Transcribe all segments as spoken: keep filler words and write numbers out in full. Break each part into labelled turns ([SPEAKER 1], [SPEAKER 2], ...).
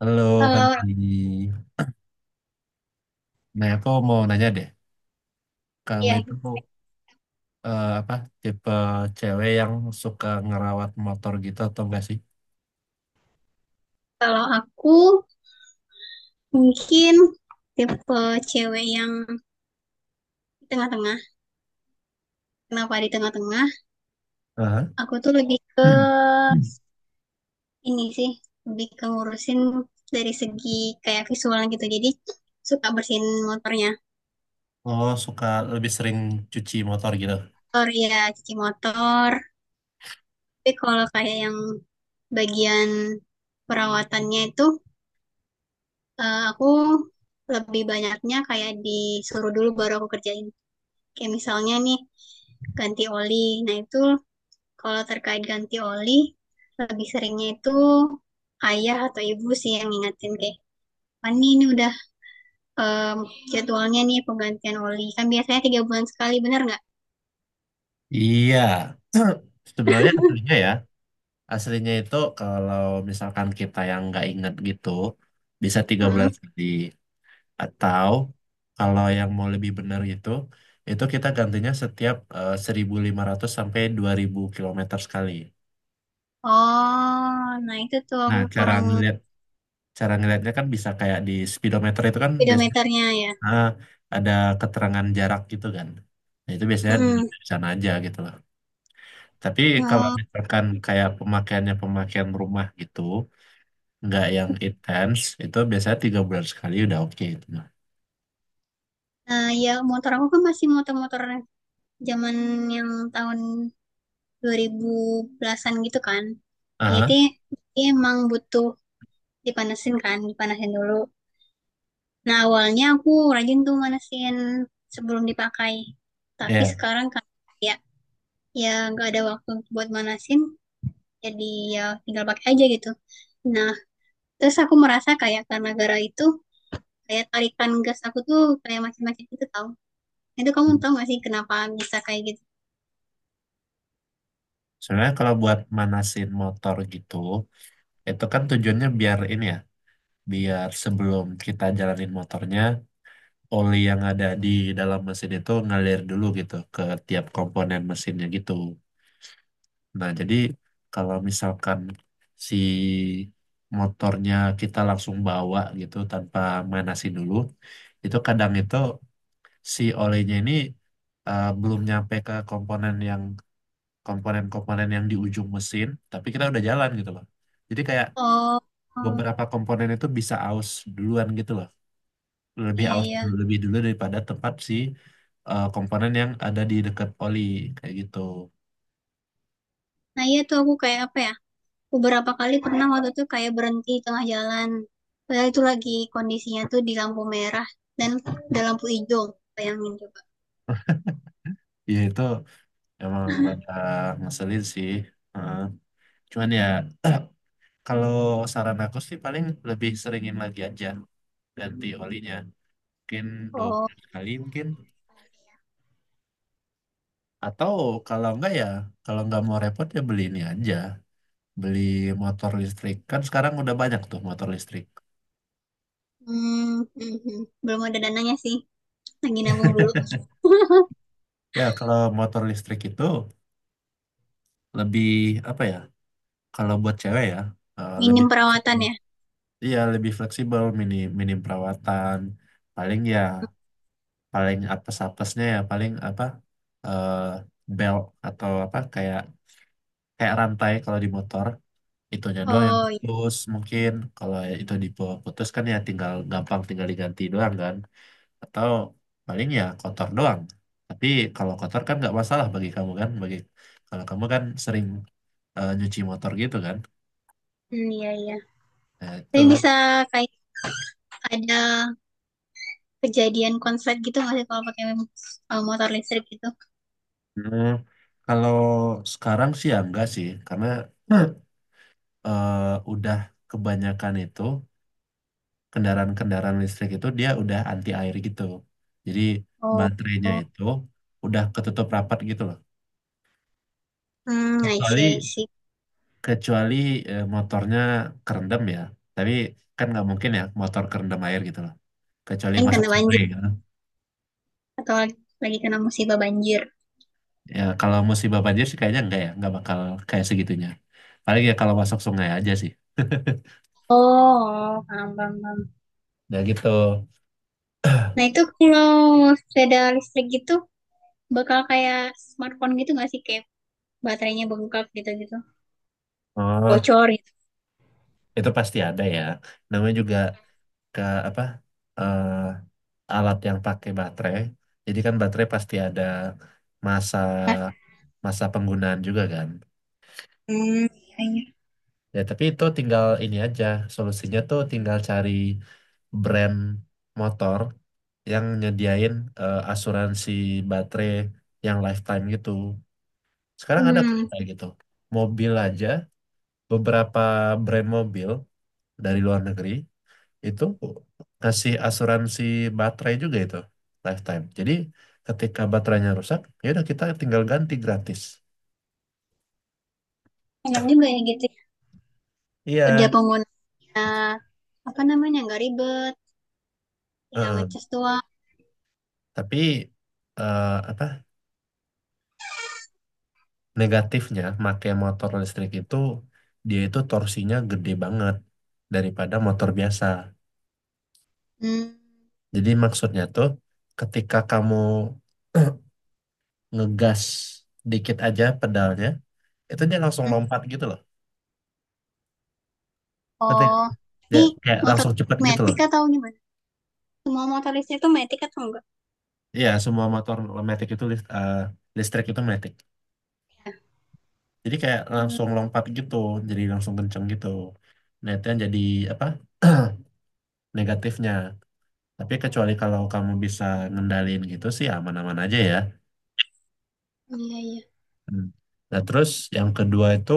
[SPEAKER 1] Halo
[SPEAKER 2] Kalau
[SPEAKER 1] Fanti. Nah, aku mau nanya deh, kamu
[SPEAKER 2] Ya,
[SPEAKER 1] itu eh, apa tipe cewek yang suka ngerawat motor gitu atau enggak sih?
[SPEAKER 2] kalau aku mungkin tipe cewek yang di tengah-tengah. Kenapa di tengah-tengah?
[SPEAKER 1] Aha.
[SPEAKER 2] Aku tuh lebih ke ini sih, lebih ke ngurusin dari segi kayak visual gitu. Jadi suka bersihin motornya.
[SPEAKER 1] Oh, suka lebih sering cuci motor gitu?
[SPEAKER 2] Motor, ya, cuci motor. Tapi kalau kayak yang bagian perawatannya itu eh, aku lebih banyaknya kayak disuruh dulu baru aku kerjain. Kayak misalnya nih ganti oli. Nah, itu, kalau terkait ganti oli, lebih seringnya itu ayah atau ibu sih yang ngingetin kayak, "Fani ini udah em, jadwalnya nih penggantian oli." Kan biasanya tiga bulan sekali, bener nggak?
[SPEAKER 1] Iya, sebenarnya aslinya ya, aslinya itu kalau misalkan kita yang nggak inget gitu, bisa tiga
[SPEAKER 2] Mm.
[SPEAKER 1] bulan sekali. Atau kalau yang mau lebih benar gitu, itu kita gantinya setiap eh, seribu lima ratus sampai dua ribu kilometer sekali.
[SPEAKER 2] Oh, nah itu tuh
[SPEAKER 1] Nah,
[SPEAKER 2] aku
[SPEAKER 1] cara
[SPEAKER 2] kurang
[SPEAKER 1] ngeliat cara ngeliatnya kan bisa kayak di speedometer itu kan biasanya
[SPEAKER 2] speedometernya ya.
[SPEAKER 1] ah, ada keterangan jarak gitu kan. Nah, itu biasanya di
[SPEAKER 2] Mm.
[SPEAKER 1] di sana aja gitu loh. Tapi kalau
[SPEAKER 2] Oh,
[SPEAKER 1] misalkan kayak pemakaiannya pemakaian rumah gitu, nggak yang intens, itu biasanya tiga bulan sekali udah oke gitu. Nah,
[SPEAKER 2] nah ya motor aku kan masih motor-motor zaman yang tahun dua ribu sepuluhan-an gitu kan. Jadi,
[SPEAKER 1] Aha,
[SPEAKER 2] jadi emang butuh dipanasin kan, dipanasin dulu. Nah, awalnya aku rajin tuh manasin sebelum dipakai. Tapi
[SPEAKER 1] ya.
[SPEAKER 2] sekarang kan, ya ya nggak ada waktu buat manasin, jadi ya tinggal pakai aja gitu. Nah, terus aku merasa kayak karena gara itu kayak tarikan gas aku tuh kayak makin-makin gitu tau. Itu kamu tau gak sih kenapa bisa kayak gitu?
[SPEAKER 1] Sebenarnya kalau buat manasin motor gitu, itu kan tujuannya biar ini ya, biar sebelum kita jalanin motornya, oli yang ada di dalam mesin itu ngalir dulu gitu ke tiap komponen mesinnya gitu. Nah, jadi kalau misalkan si motornya kita langsung bawa gitu tanpa manasin dulu, itu kadang itu si olinya ini eh, belum nyampe ke komponen yang komponen-komponen yang di ujung mesin, tapi kita udah jalan gitu loh. Jadi kayak
[SPEAKER 2] Oh, oh,
[SPEAKER 1] beberapa komponen itu bisa aus duluan gitu loh. lebih
[SPEAKER 2] iya,
[SPEAKER 1] awas
[SPEAKER 2] iya.
[SPEAKER 1] dulu- lebih dulu daripada tempat si eh, komponen yang ada di dekat oli kayak gitu.
[SPEAKER 2] Nah, iya tuh aku kayak apa ya? Beberapa kali pernah waktu tuh kayak berhenti di tengah jalan. Padahal itu lagi kondisinya tuh di lampu merah dan ada lampu hijau, bayangin.
[SPEAKER 1] Ya itu emang rada ngeselin sih. Heeh. Cuman ya kalau saran aku sih paling lebih seringin lagi aja ganti olinya. Mungkin dua
[SPEAKER 2] Oh.
[SPEAKER 1] bulan sekali mungkin. Atau kalau enggak ya kalau nggak mau repot ya beli ini aja. Beli motor listrik. Kan sekarang udah banyak tuh motor listrik.
[SPEAKER 2] Hmm, hmm, hmm. Belum ada dananya sih. Lagi nabung dulu.
[SPEAKER 1] Ya kalau motor listrik itu lebih apa ya? Kalau buat cewek ya, eh, lebih
[SPEAKER 2] Minim perawatan
[SPEAKER 1] fleksibel.
[SPEAKER 2] ya.
[SPEAKER 1] Iya, lebih fleksibel, mini mini perawatan. Paling ya, paling apes-apesnya ya, paling apa, eh belt atau apa, kayak kayak rantai kalau di motor. Itunya doang yang
[SPEAKER 2] Oh, iya.
[SPEAKER 1] putus mungkin. Kalau itu diputus kan ya tinggal gampang tinggal diganti doang kan. Atau paling ya kotor doang. Tapi kalau kotor kan nggak masalah bagi kamu kan. Bagi, kalau kamu kan sering eh, nyuci motor gitu kan.
[SPEAKER 2] Hmm, iya, iya.
[SPEAKER 1] Nah
[SPEAKER 2] Tapi
[SPEAKER 1] itu.
[SPEAKER 2] bisa kayak ada kejadian konslet gitu nggak sih kalau pakai uh, motor listrik gitu?
[SPEAKER 1] Hmm, kalau sekarang sih ya enggak sih, karena Hmm. eh, udah kebanyakan itu kendaraan-kendaraan listrik itu dia udah anti air gitu. Jadi
[SPEAKER 2] Oh,
[SPEAKER 1] baterainya
[SPEAKER 2] oh.
[SPEAKER 1] itu udah ketutup rapat gitu loh.
[SPEAKER 2] Hmm, I
[SPEAKER 1] Kecuali
[SPEAKER 2] see, I see.
[SPEAKER 1] kecuali eh, motornya kerendam ya, tapi kan nggak mungkin ya motor kerendam air gitu loh. Kecuali
[SPEAKER 2] Paling
[SPEAKER 1] masuk
[SPEAKER 2] kena
[SPEAKER 1] sungai
[SPEAKER 2] banjir,
[SPEAKER 1] kan.
[SPEAKER 2] atau lagi, lagi kena musibah banjir.
[SPEAKER 1] Ya kalau musibah banjir sih kayaknya enggak ya, nggak bakal kayak segitunya. Paling ya kalau masuk sungai aja sih.
[SPEAKER 2] Oh, oh, paham, paham, paham.
[SPEAKER 1] Nah gitu.
[SPEAKER 2] Nah, itu kalau sepeda listrik gitu bakal kayak smartphone gitu nggak sih? Kayak baterainya bengkak gitu-gitu.
[SPEAKER 1] Oh.
[SPEAKER 2] Bocor
[SPEAKER 1] Itu pasti ada ya. Namanya juga ke apa eh, alat yang pakai baterai. Jadi kan baterai pasti ada masa
[SPEAKER 2] gitu.
[SPEAKER 1] masa penggunaan juga kan.
[SPEAKER 2] Hmm, iya, iya.
[SPEAKER 1] Ya tapi itu tinggal ini aja. Solusinya tuh tinggal cari brand motor yang nyediain eh, asuransi baterai yang lifetime gitu. Sekarang ada kok yang
[SPEAKER 2] Hmm,
[SPEAKER 1] kayak gitu. Mobil aja, beberapa brand mobil dari luar negeri itu kasih asuransi baterai juga itu lifetime. Jadi ketika baterainya rusak, ya udah kita tinggal ganti gratis.
[SPEAKER 2] enak juga ya gitu. Ya.
[SPEAKER 1] Iya,
[SPEAKER 2] Udah pengguna apa namanya nggak ribet, tinggal
[SPEAKER 1] Heeh.
[SPEAKER 2] ngecas doang.
[SPEAKER 1] Tapi eh, apa negatifnya, pakai motor listrik itu dia itu torsinya gede banget daripada motor biasa.
[SPEAKER 2] Hmm,
[SPEAKER 1] Jadi maksudnya tuh ketika kamu ngegas dikit aja pedalnya, itu dia langsung
[SPEAKER 2] hmm.
[SPEAKER 1] lompat gitu loh. Ngerti nggak?
[SPEAKER 2] Oh,
[SPEAKER 1] Dia
[SPEAKER 2] ini
[SPEAKER 1] kayak
[SPEAKER 2] motor
[SPEAKER 1] langsung cepet gitu loh.
[SPEAKER 2] metik atau gimana? Semua motor listrik itu metik atau enggak?
[SPEAKER 1] Iya, semua motor matic itu lis- eh, listrik itu matic. Jadi kayak
[SPEAKER 2] Hmm,
[SPEAKER 1] langsung lompat gitu, jadi langsung kenceng gitu. Nah, itu yang jadi apa? Negatifnya. Tapi kecuali kalau kamu bisa ngendalin gitu sih aman-aman aja ya.
[SPEAKER 2] iya, iya.
[SPEAKER 1] Hmm. Nah, terus yang kedua itu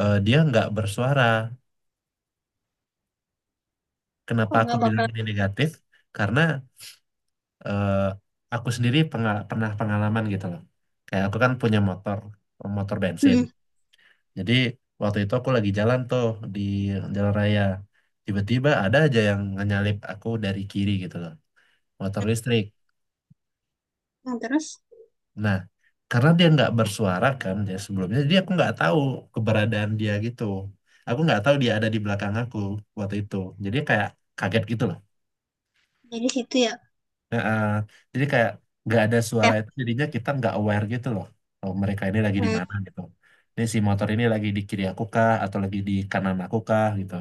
[SPEAKER 1] eh, dia nggak bersuara. Kenapa
[SPEAKER 2] Oh,
[SPEAKER 1] aku
[SPEAKER 2] nggak
[SPEAKER 1] bilang
[SPEAKER 2] bakal.
[SPEAKER 1] ini negatif? Karena eh, aku sendiri penga- pernah pengalaman gitu loh. Kayak aku kan punya motor, motor bensin.
[SPEAKER 2] Hmm,
[SPEAKER 1] Jadi waktu itu aku lagi jalan tuh di jalan raya. Tiba-tiba ada aja yang nyalip aku dari kiri gitu loh. Motor listrik.
[SPEAKER 2] nah, terus
[SPEAKER 1] Nah, karena dia nggak bersuara kan dia sebelumnya, jadi aku nggak tahu keberadaan dia gitu. Aku nggak tahu dia ada di belakang aku waktu itu. Jadi kayak kaget gitu loh.
[SPEAKER 2] jadi situ ya.
[SPEAKER 1] Nah, eh, jadi kayak nggak ada suara itu, jadinya kita nggak aware gitu loh. Oh, mereka ini lagi di
[SPEAKER 2] Hmm,
[SPEAKER 1] mana gitu. Ini si motor ini lagi di kiri aku kah atau lagi di kanan aku kah gitu.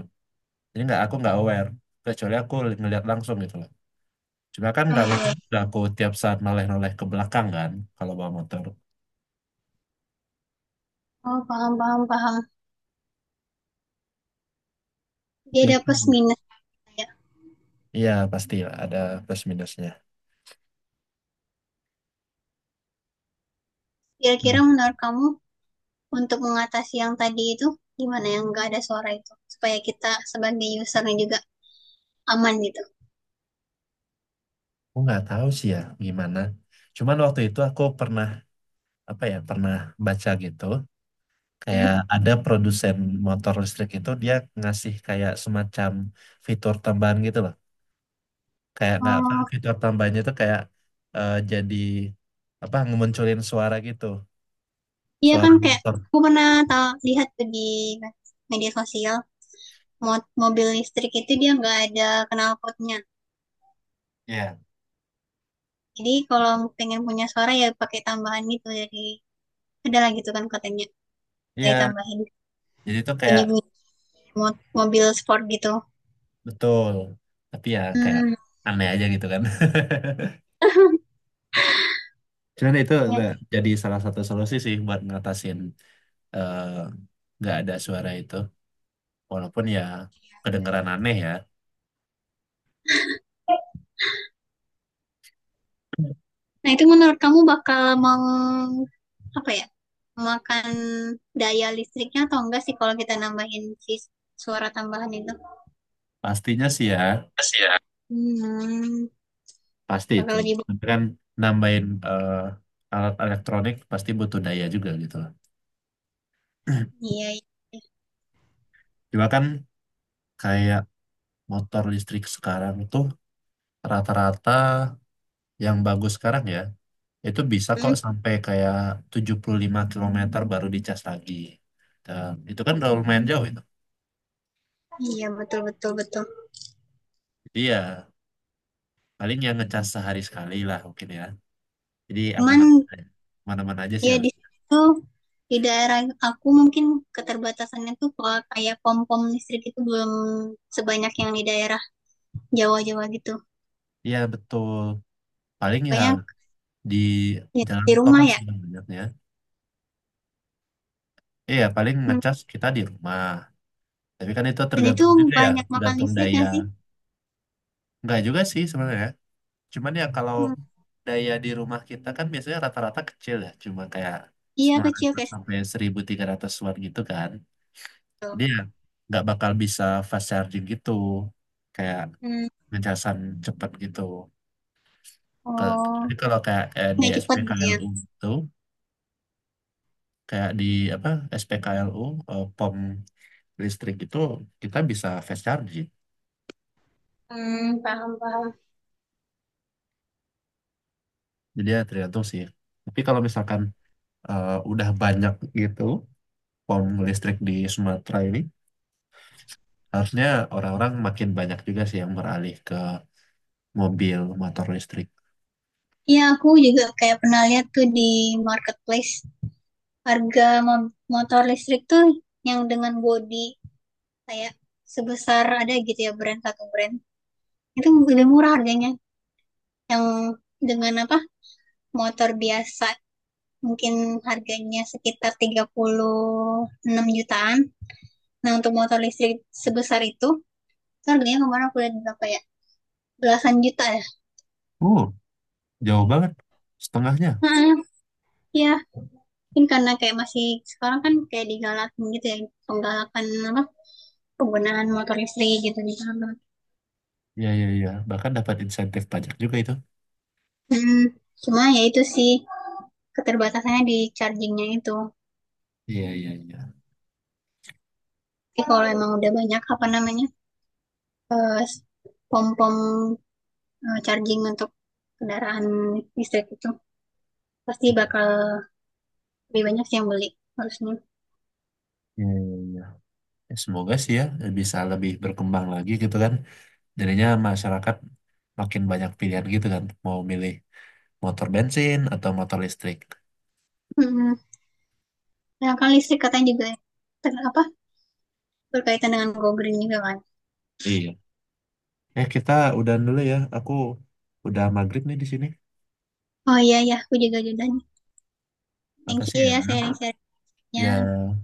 [SPEAKER 1] Jadi nggak aku nggak aware kecuali aku ngeliat langsung gitu loh. Cuma kan
[SPEAKER 2] oh,
[SPEAKER 1] nggak mungkin
[SPEAKER 2] iya.
[SPEAKER 1] lah aku tiap saat noleh-noleh ke belakang kan kalau bawa motor.
[SPEAKER 2] Oh, paham, paham, paham. Dia ada
[SPEAKER 1] Itu.
[SPEAKER 2] plus minus ya.
[SPEAKER 1] Iya pasti ada plus minusnya. Hmm.
[SPEAKER 2] Kira-kira menurut kamu untuk mengatasi yang tadi itu gimana yang nggak ada suara itu supaya kita sebagai usernya juga aman gitu.
[SPEAKER 1] Aku nggak tahu sih ya gimana. Cuman waktu itu aku pernah apa ya pernah baca gitu kayak
[SPEAKER 2] Hmm.
[SPEAKER 1] ada produsen motor listrik itu dia ngasih kayak semacam fitur tambahan gitu loh. Kayak nggak apa
[SPEAKER 2] Oh,
[SPEAKER 1] fitur tambahannya itu kayak eh, jadi apa ngemunculin suara gitu
[SPEAKER 2] iya,
[SPEAKER 1] suara
[SPEAKER 2] kan kayak
[SPEAKER 1] motor.
[SPEAKER 2] aku pernah tahu lihat tuh di media sosial mo- mobil listrik itu dia nggak ada knalpotnya.
[SPEAKER 1] Iya.
[SPEAKER 2] Jadi kalau pengen punya suara ya pakai tambahan gitu dari ada lagi tuh kan katanya saya
[SPEAKER 1] Iya,
[SPEAKER 2] tambahin
[SPEAKER 1] jadi itu kayak
[SPEAKER 2] bunyi-bunyi mo- mobil sport gitu.
[SPEAKER 1] betul. Tapi ya kayak
[SPEAKER 2] Hmm.
[SPEAKER 1] aneh aja gitu kan. Cuman itu
[SPEAKER 2] Ya.
[SPEAKER 1] udah jadi salah satu solusi sih buat ngatasin eh, nggak ada suara itu. Walaupun ya kedengeran aneh ya.
[SPEAKER 2] Nah itu menurut kamu bakal mau apa ya? Makan daya listriknya atau enggak sih kalau kita nambahin si suara tambahan itu?
[SPEAKER 1] Pastinya sih ya,
[SPEAKER 2] Hmm.
[SPEAKER 1] pasti itu.
[SPEAKER 2] Bakal lebih.
[SPEAKER 1] Tapi kan nambahin eh, alat elektronik pasti butuh daya juga gitu loh.
[SPEAKER 2] Iya, iya.
[SPEAKER 1] Cuma kan kayak motor listrik sekarang tuh rata-rata yang bagus sekarang ya, itu bisa
[SPEAKER 2] Hmm,
[SPEAKER 1] kok sampai kayak tujuh puluh lima kilometer baru dicas lagi. Dan itu kan udah lumayan jauh itu.
[SPEAKER 2] iya, betul, betul, betul.
[SPEAKER 1] Jadi ya paling yang ngecas sehari sekali lah mungkin ya. Jadi
[SPEAKER 2] Cuman
[SPEAKER 1] aman-aman aja. Aman-aman aja sih
[SPEAKER 2] ya
[SPEAKER 1] harus.
[SPEAKER 2] di situ di daerah aku mungkin keterbatasannya tuh kalau kayak pom-pom listrik itu belum sebanyak yang di daerah Jawa-Jawa gitu.
[SPEAKER 1] Iya betul. Paling ya
[SPEAKER 2] Banyak,
[SPEAKER 1] di
[SPEAKER 2] ya,
[SPEAKER 1] jalan
[SPEAKER 2] di
[SPEAKER 1] tol
[SPEAKER 2] rumah ya.
[SPEAKER 1] sih yang banyaknya. Iya paling
[SPEAKER 2] Hmm.
[SPEAKER 1] ngecas kita di rumah. Tapi kan itu
[SPEAKER 2] Dan itu
[SPEAKER 1] tergantung juga ya,
[SPEAKER 2] banyak makan
[SPEAKER 1] tergantung
[SPEAKER 2] listrik
[SPEAKER 1] daya.
[SPEAKER 2] nggak sih?
[SPEAKER 1] Enggak juga sih sebenarnya. Cuman ya kalau
[SPEAKER 2] Hmm.
[SPEAKER 1] daya di rumah kita kan biasanya rata-rata kecil ya, cuma kayak
[SPEAKER 2] Iya
[SPEAKER 1] sembilan
[SPEAKER 2] kecil
[SPEAKER 1] ratus
[SPEAKER 2] kayak situ.
[SPEAKER 1] sampai seribu tiga ratus watt gitu kan. Jadi ya nggak bakal bisa fast charging gitu, kayak
[SPEAKER 2] Hmm.
[SPEAKER 1] ngecasan cepet gitu. Kalau- Jadi
[SPEAKER 2] Oh,
[SPEAKER 1] kalau kayak eh, di
[SPEAKER 2] nggak cepat gitu ya.
[SPEAKER 1] S P K L U itu, kayak di apa S P K L U eh, pom listrik itu kita bisa fast charging.
[SPEAKER 2] Hmm, paham, paham.
[SPEAKER 1] Jadi ya tergantung sih. Tapi kalau misalkan eh, udah banyak gitu pom listrik di Sumatera ini. Harusnya orang-orang makin banyak juga sih yang beralih ke mobil motor listrik.
[SPEAKER 2] Iya aku juga kayak pernah lihat tuh di marketplace harga mo- motor listrik tuh yang dengan bodi kayak sebesar ada gitu ya brand satu brand itu lebih murah harganya yang dengan apa motor biasa mungkin harganya sekitar tiga puluh enam jutaan. Nah untuk motor listrik sebesar itu itu harganya kemarin aku lihat berapa ya, belasan juta ya.
[SPEAKER 1] Uh, jauh banget. Setengahnya.
[SPEAKER 2] Heeh, ya mungkin karena kayak masih sekarang kan kayak digalakin gitu ya, penggalakan apa, penggunaan motor listrik gitu di sana.
[SPEAKER 1] Iya, iya, iya. Bahkan dapat insentif pajak juga itu.
[SPEAKER 2] Hmm, cuma ya itu sih keterbatasannya di chargingnya itu.
[SPEAKER 1] Iya, iya, iya.
[SPEAKER 2] Tapi kalau emang udah banyak apa namanya eh, pom-pom eh, charging untuk kendaraan listrik itu pasti bakal lebih banyak sih yang beli harusnya.
[SPEAKER 1] Iya, iya, iya. Ya, semoga sih ya bisa lebih berkembang lagi gitu kan. Jadinya masyarakat makin banyak pilihan gitu kan. Mau milih motor bensin atau motor listrik.
[SPEAKER 2] Mm-mm. Nah, kan listrik katanya juga ter- apa berkaitan dengan Go Green juga kan.
[SPEAKER 1] Iya. Eh, kita udahan dulu ya. Aku udah maghrib nih di sini.
[SPEAKER 2] Oh iya ya, aku juga jodohnya. Thank
[SPEAKER 1] Makasih
[SPEAKER 2] you
[SPEAKER 1] ya.
[SPEAKER 2] ya sharing-sharingnya.
[SPEAKER 1] Ya.